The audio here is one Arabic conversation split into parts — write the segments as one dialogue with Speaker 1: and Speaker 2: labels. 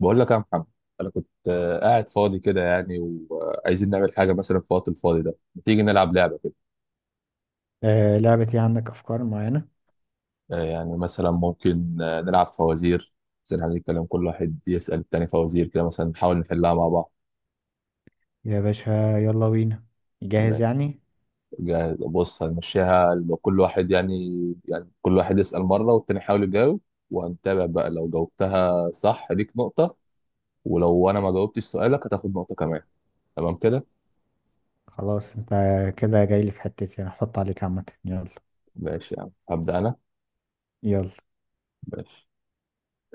Speaker 1: بقول لك يا محمد، انا كنت قاعد فاضي كده يعني. وعايزين نعمل حاجه مثلا في الوقت الفاضي ده، ما تيجي نلعب لعبه كده؟
Speaker 2: آه، لعبتي؟ عندك أفكار معينة
Speaker 1: يعني مثلا ممكن نلعب فوازير. مثلا هنتكلم، كل واحد يسال التاني فوازير كده، مثلا نحاول نحلها مع بعض.
Speaker 2: يا باشا؟ يلا بينا. جاهز
Speaker 1: ما-
Speaker 2: يعني.
Speaker 1: بص، هنمشيها لو كل واحد يعني، يعني كل واحد يسال مره والتاني يحاول يجاوب. وهنتابع بقى، لو جاوبتها صح ليك نقطه، ولو انا ما جاوبتش سؤالك هتاخد نقطه كمان. تمام كده؟
Speaker 2: خلاص انت كده جاي لي في حتتي، انا هحط عليك عامة. يلا
Speaker 1: ماشي يا عم، هبدا انا.
Speaker 2: يلا،
Speaker 1: ماشي.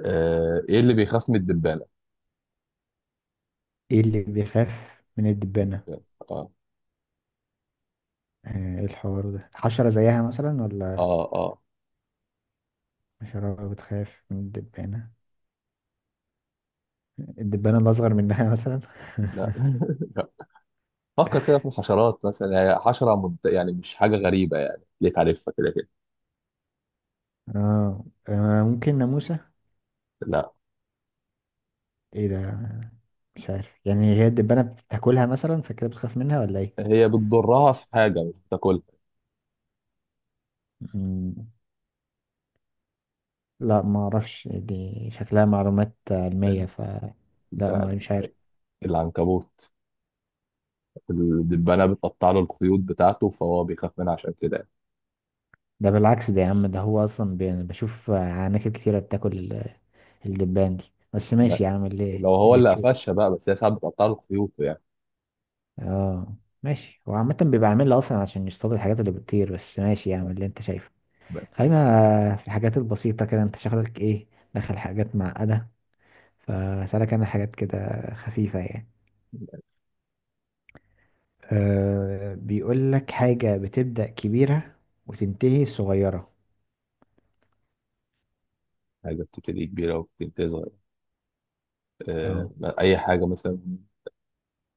Speaker 1: ايه اللي بيخاف من الدبان؟
Speaker 2: ايه اللي بيخاف من الدبانة؟
Speaker 1: اه
Speaker 2: آه، ايه الحوار ده؟ حشرة زيها مثلا ولا
Speaker 1: اه. اه.
Speaker 2: حشرة بتخاف من الدبانة؟ الدبانة الأصغر منها مثلا؟
Speaker 1: لا، لا. فكر كده في الحشرات، مثلا هي حشرة يعني مش حاجة غريبة، يعني ليك عارفها كده كده.
Speaker 2: اه، ممكن ناموسة؟
Speaker 1: لا.
Speaker 2: ايه ده؟ مش عارف يعني، هي الدبانة بتاكلها مثلا فكده بتخاف منها ولا
Speaker 1: هي بتضرها في حاجة، مش بتاكلها.
Speaker 2: ايه؟ لا، ما اعرفش دي، شكلها معلومات علمية، ف لا،
Speaker 1: لا.
Speaker 2: ما مش
Speaker 1: لا.
Speaker 2: عارف.
Speaker 1: العنكبوت. الدبانة بتقطع له الخيوط بتاعته، فهو بيخاف منها عشان كده يعني.
Speaker 2: ده بالعكس ده يا عم، ده هو اصلا بي... أنا بشوف عناكب كتيرة بتاكل الدبان دي. بس ماشي
Speaker 1: لا.
Speaker 2: يا عم، اللي
Speaker 1: لو هو
Speaker 2: اللي
Speaker 1: اللي
Speaker 2: تشوف.
Speaker 1: قفشها بقى، بس هي ساعات بتقطع له خيوطه يعني.
Speaker 2: اه ماشي، هو عامة بيبقى عاملها اصلا عشان يصطاد الحاجات اللي بتطير، بس ماشي يا عم
Speaker 1: آه.
Speaker 2: اللي انت شايفه. خلينا في الحاجات البسيطة كده، انت شغلك ايه؟ دخل حاجات معقدة، فسألك انا حاجات كده خفيفة يعني.
Speaker 1: لا.
Speaker 2: أه، بيقول لك حاجة بتبدأ كبيرة وتنتهي صغيرة.
Speaker 1: حاجة بتبتدي كبيرة وبتنتهي صغيرة. آه.
Speaker 2: اه.
Speaker 1: أي حاجة مثلا؟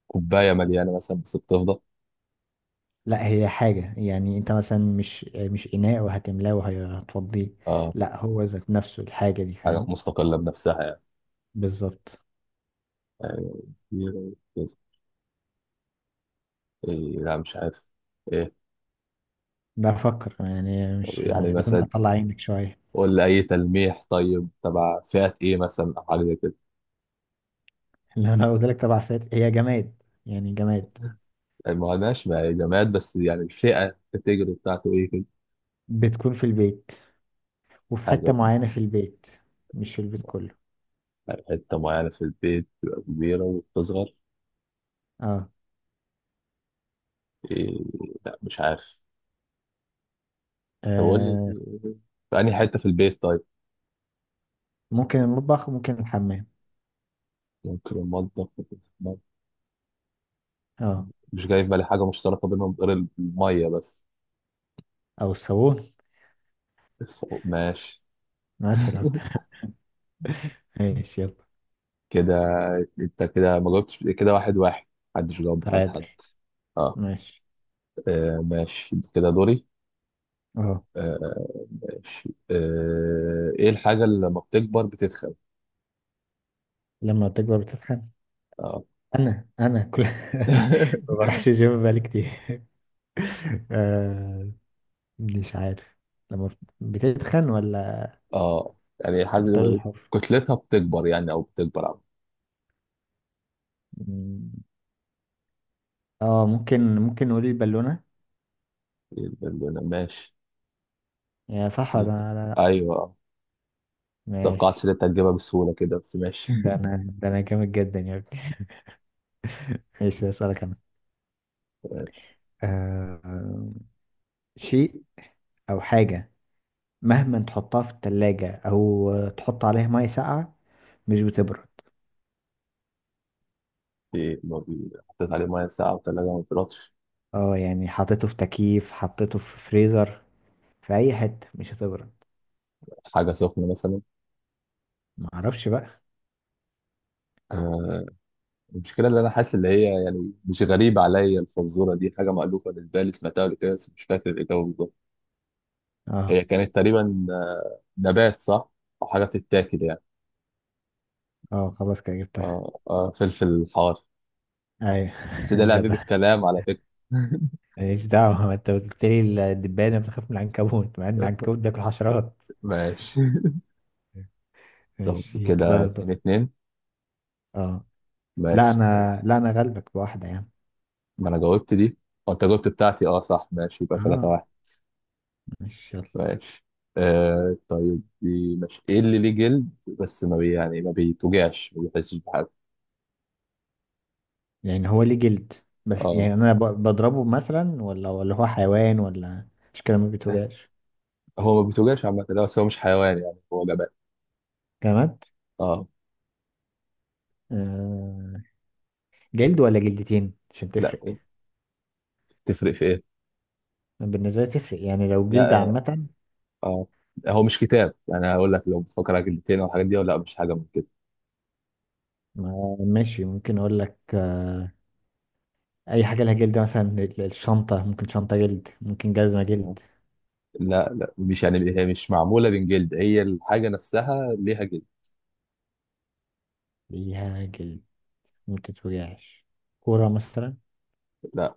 Speaker 1: كوباية مليانة مثلا بس بتفضى.
Speaker 2: لا هي حاجة، يعني انت مثلا مش اناء وهتملاه وهتفضيه.
Speaker 1: اه.
Speaker 2: لا هو ذات نفسه الحاجة دي،
Speaker 1: حاجة
Speaker 2: فاهم؟
Speaker 1: مستقلة بنفسها يعني.
Speaker 2: بالظبط.
Speaker 1: آه، كبيرة كده. إيه؟ لا مش عارف. إيه؟
Speaker 2: بفكر يعني،
Speaker 1: طب
Speaker 2: مش
Speaker 1: يعني
Speaker 2: لازم
Speaker 1: مثلا،
Speaker 2: اطلع عينك شوية.
Speaker 1: قول لي أي تلميح طيب. تبع فئة إيه مثلا، أو حاجة زي كده؟
Speaker 2: لو انا قلت لك طبعا فات، هي جماد يعني، جماد.
Speaker 1: يعني ما هناش مع جماد، بس يعني الفئة الكاتيجوري بتاعته إيه كده؟
Speaker 2: بتكون في البيت، وفي حتة
Speaker 1: حاجة.
Speaker 2: معينة في البيت، مش في البيت كله.
Speaker 1: يعني حتة معينة في البيت تبقى كبيرة وبتصغر.
Speaker 2: اه.
Speaker 1: إيه؟ لا مش عارف. طب قول لي،
Speaker 2: آه.
Speaker 1: في أنهي حتة في البيت طيب؟
Speaker 2: ممكن المطبخ، ممكن الحمام.
Speaker 1: ممكن المطبخ ممكن الحمام.
Speaker 2: اه،
Speaker 1: مش جاي في بالي حاجة مشتركة بينهم غير المية بس.
Speaker 2: او الصالون
Speaker 1: الفوق، ماشي.
Speaker 2: مثلا. ماشي يلا.
Speaker 1: كده. انت كده ما جاوبتش، كده واحد واحد. محدش جاوب بتاعت حد.
Speaker 2: تعادل.
Speaker 1: اه.
Speaker 2: ماشي.
Speaker 1: ماشي كده دوري.
Speaker 2: اه،
Speaker 1: آه، ماشي. ايه الحاجة اللي لما بتكبر بتتخن؟
Speaker 2: لما تكبر بتتخن؟
Speaker 1: اه.
Speaker 2: انا كل ما بروحش جيم بقالي كتير. آه، مش عارف، لما بتتخن ولا
Speaker 1: اه يعني
Speaker 2: بتختار
Speaker 1: حاجة
Speaker 2: الحر؟
Speaker 1: كتلتها بتكبر يعني، او بتكبر عم.
Speaker 2: مم. اه، ممكن ممكن نقول البالونة.
Speaker 1: ماشي.
Speaker 2: يا صح ولا
Speaker 1: جدا.
Speaker 2: لا؟ لا.
Speaker 1: ايوه آه. توقعتش
Speaker 2: ماشي.
Speaker 1: ان انت هتجيبها بسهولة كده، بس ماشي.
Speaker 2: ده انا، ده انا جامد جدا يا ابني. ماشي اسألك انا.
Speaker 1: ماشي.
Speaker 2: آه، شيء او حاجة، مهما تحطها في التلاجة او تحط عليها مية ساقعة مش بتبرد.
Speaker 1: ايه، ما بي- حطيت عليه ميه ساقعة وتلاجة ما بيرطش.
Speaker 2: اه يعني حطيته في تكييف، حطيته في فريزر، في اي حتة مش هتبرد.
Speaker 1: حاجة سخنة مثلا.
Speaker 2: ما اعرفش بقى.
Speaker 1: آه، المشكلة اللي أنا حاسس، اللي هي يعني مش غريبة عليا، الفزورة دي حاجة مألوفة بالنسبة لي، سمعتها قبل كده بس مش فاكر الإجابة بالظبط.
Speaker 2: اه
Speaker 1: هي كانت تقريبا نبات صح؟ أو حاجة بتتاكل يعني.
Speaker 2: اه، خلاص كده جبتها.
Speaker 1: فلفل حار.
Speaker 2: ايوه
Speaker 1: بس ده لعب
Speaker 2: جدع.
Speaker 1: بالكلام على فكرة.
Speaker 2: ماليش دعوة، ما انت قلت لي الدبانة بتخاف من العنكبوت مع ان العنكبوت بياكل حشرات.
Speaker 1: ماشي. طب
Speaker 2: ماشي
Speaker 1: كده
Speaker 2: كده دور.
Speaker 1: اتنين اتنين.
Speaker 2: اه. لا
Speaker 1: ماشي طيب.
Speaker 2: انا، لا انا غلبك بواحدة يعني.
Speaker 1: ما أنا جاوبت دي، أو أنت جاوبت بتاعتي. أه صح، ماشي يبقى تلاتة
Speaker 2: اه
Speaker 1: واحد.
Speaker 2: ماشي يلا.
Speaker 1: ماشي. طيب دي ماشي. إيه اللي ليه جلد بس ما بي يعني ما بيتوجعش، ما بيحسش بحاجة؟
Speaker 2: يعني هو ليه جلد، بس
Speaker 1: أه.
Speaker 2: يعني انا بضربه مثلا، ولا هو حيوان ولا مش كده ما بيتوجعش؟
Speaker 1: هو ما بيتوجعش عامة لا، بس هو مش حيوان يعني، هو جبان.
Speaker 2: جماد.
Speaker 1: اه.
Speaker 2: آه. جلد ولا جلدتين عشان
Speaker 1: لا.
Speaker 2: تفرق؟
Speaker 1: تفرق في ايه؟
Speaker 2: بالنسبة لي تفرق، يعني لو جلد
Speaker 1: لا اه.
Speaker 2: عامة.
Speaker 1: آه. هو مش كتاب يعني هقول لك لو بتفكر على جلدتين او الحاجات دي، ولا مش حاجة من كده.
Speaker 2: ماشي ممكن اقول لك اي حاجه لها جلد، مثلا الشنطه، ممكن شنطه جلد، ممكن جزمه
Speaker 1: آه.
Speaker 2: جلد.
Speaker 1: لا لا مش يعني، هي مش معمولة من جلد، هي الحاجة نفسها ليها جلد.
Speaker 2: ليها جلد، ممكن توجعش؟ كوره مثلا؟
Speaker 1: لا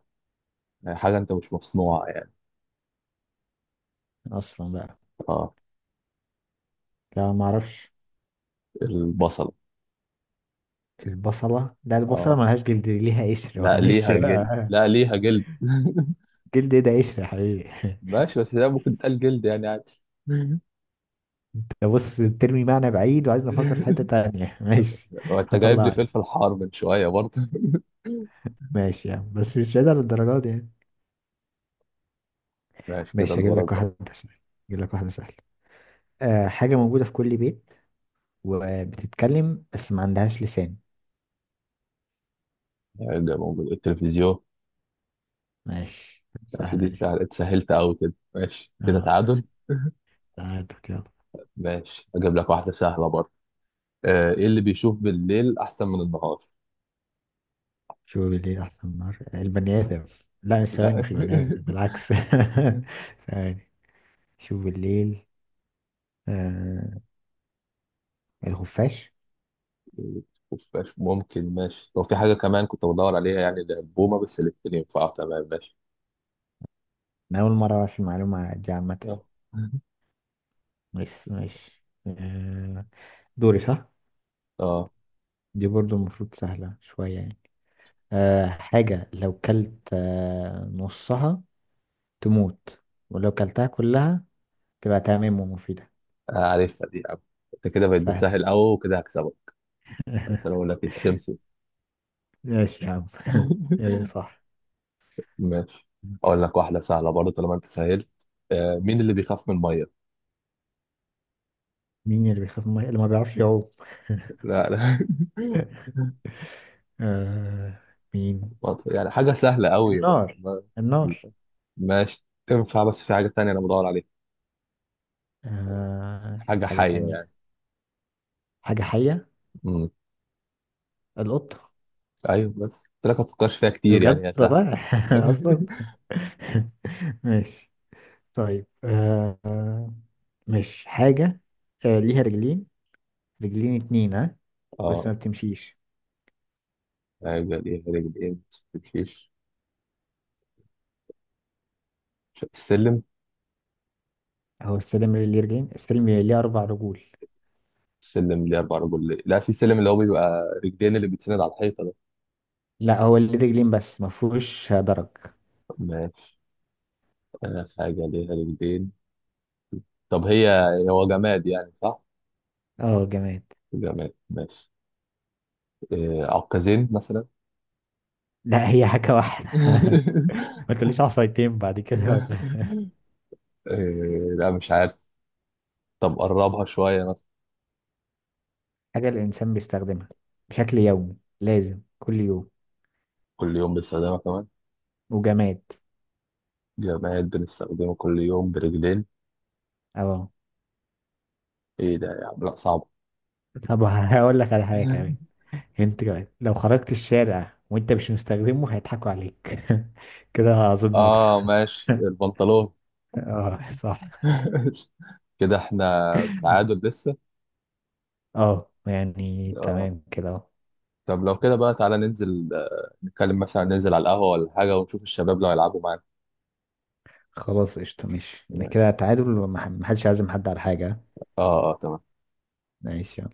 Speaker 1: هي حاجة انت مش مصنوعة يعني.
Speaker 2: اصلا بقى.
Speaker 1: اه.
Speaker 2: لا، ما اعرفش.
Speaker 1: البصلة.
Speaker 2: البصله؟ لا، البصله
Speaker 1: اه.
Speaker 2: ملهاش جلد، دي ليها قشر.
Speaker 1: لا
Speaker 2: معلش
Speaker 1: ليها جلد،
Speaker 2: بقى.
Speaker 1: لا ليها جلد.
Speaker 2: جلد ايه ده؟ قشر يا حبيبي.
Speaker 1: ماشي بس ده ممكن تقال جلد يعني عادي.
Speaker 2: انت بص بترمي معنى بعيد وعايزني افكر في حته تانية. ماشي
Speaker 1: وانت جايب لي
Speaker 2: هطلعك.
Speaker 1: فلفل حار من شوية برضه.
Speaker 2: ماشي يعني، بس مش بعيد على الدرجات دي يعني.
Speaker 1: ماشي كده
Speaker 2: ماشي، هجيب
Speaker 1: دورك.
Speaker 2: لك واحده سهله، هجيب لك واحده سهله. أه، حاجه موجوده في كل بيت، وبتتكلم بس ما عندهاش لسان.
Speaker 1: هيرجع موجود التلفزيون.
Speaker 2: ماشي
Speaker 1: ماشي
Speaker 2: سهلة
Speaker 1: دي
Speaker 2: دي.
Speaker 1: سهلة، اتسهلت أوي كده، ماشي كده
Speaker 2: اه
Speaker 1: تعادل.
Speaker 2: تعادل يلا.
Speaker 1: ماشي أجيب لك واحدة سهلة برضه. إيه اللي بيشوف بالليل أحسن من النهار؟
Speaker 2: شو ليه أحسن؟ نار؟ البني آدم؟ لا مش ثواني،
Speaker 1: لا.
Speaker 2: مش البني آدم بالعكس. ثواني، شوف الليل. آه، الخفاش.
Speaker 1: ماشي ممكن، ماشي لو في حاجة كمان كنت بدور عليها يعني البومة، بس الاتنين ينفعوا تمام ماشي.
Speaker 2: أنا أول مرة أعرف المعلومة دي عامة.
Speaker 1: اه.
Speaker 2: بس ماشي. آه، دوري صح؟
Speaker 1: آه،
Speaker 2: دي برضو المفروض سهلة شوية يعني. آه، حاجة لو كلت آه نصها تموت، ولو كلتها كلها تبقى تمام ومفيدة.
Speaker 1: عارفها دي يا عم. انت كده بقت
Speaker 2: سهل.
Speaker 1: بتسهل أوي، وكده هكسبك. بس أنا أقول لك إيه، السمسم.
Speaker 2: ماشي يا عم. ايه صح.
Speaker 1: ماشي. أقول لك واحدة سهلة برضه طالما أنت سهلت. مين اللي بيخاف من المية؟
Speaker 2: مين اللي بيخاف من المية؟ اللي ما بيعرفش يعوم.
Speaker 1: لا لا.
Speaker 2: آه، مين؟
Speaker 1: ما ت- يعني حاجة سهلة قوي.
Speaker 2: النار. النار.
Speaker 1: ماشي تنفع، بس في حاجة تانية أنا بدور عليها.
Speaker 2: آه،
Speaker 1: حاجة
Speaker 2: حاجة
Speaker 1: حية
Speaker 2: تانية؟
Speaker 1: يعني.
Speaker 2: حاجة حية؟
Speaker 1: مم.
Speaker 2: القط.
Speaker 1: أيوه، بس قلت لك ما تفكرش فيها كتير، يعني
Speaker 2: بجد
Speaker 1: هي سهلة.
Speaker 2: والله، أصلا. ماشي. طيب آه، مش حاجة، آه ليها رجلين، رجلين اتنين ها، بس
Speaker 1: اه.
Speaker 2: ما بتمشيش.
Speaker 1: رجل إيه، رجل إيه ما تمشيش. السلم.
Speaker 2: هو السلم اللي ليه رجلين؟ السلم اللي ليه أربع رجول.
Speaker 1: السلم ليه أربع رجل، لا في سلم اللي هو بيبقى رجلين اللي بيتسند على الحيطة ده.
Speaker 2: لا هو اللي ليه رجلين بس ما فيهوش درج.
Speaker 1: ماشي. حاجة ليها رجلين. طب هي، هو جماد يعني صح؟
Speaker 2: اه جماد.
Speaker 1: جماد ماشي. عكازين مثلا.
Speaker 2: لا هي حاجة واحدة. ما تقوليش عصايتين بعد كده ولا؟
Speaker 1: إيه، لا مش عارف. طب قربها شوية مثلا.
Speaker 2: حاجة الإنسان بيستخدمها بشكل يومي، لازم كل يوم،
Speaker 1: كل يوم بنستخدمها كمان.
Speaker 2: وجماد.
Speaker 1: جماد بنستخدمها كل يوم برجلين.
Speaker 2: أهو.
Speaker 1: ايه ده يا عم، لا صعب.
Speaker 2: طب هقول لك على حاجة كمان. أنت كمان لو خرجت الشارع وأنت مش مستخدمه هيضحكوا عليك. كده أظن
Speaker 1: اه
Speaker 2: واضحة.
Speaker 1: ماشي، البنطلون.
Speaker 2: اه صح.
Speaker 1: كده احنا تعادل لسه.
Speaker 2: اه يعني
Speaker 1: اه.
Speaker 2: تمام كده أهو.
Speaker 1: طب لو كده بقى تعالى ننزل، نتكلم مثلا ننزل على القهوة ولا حاجة، ونشوف الشباب لو هيلعبوا معانا.
Speaker 2: خلاص قشطة، ماشي كده
Speaker 1: ماشي.
Speaker 2: تعادل، ومح- محدش عازم حد على حاجة.
Speaker 1: اه اه تمام.
Speaker 2: ماشي يلا.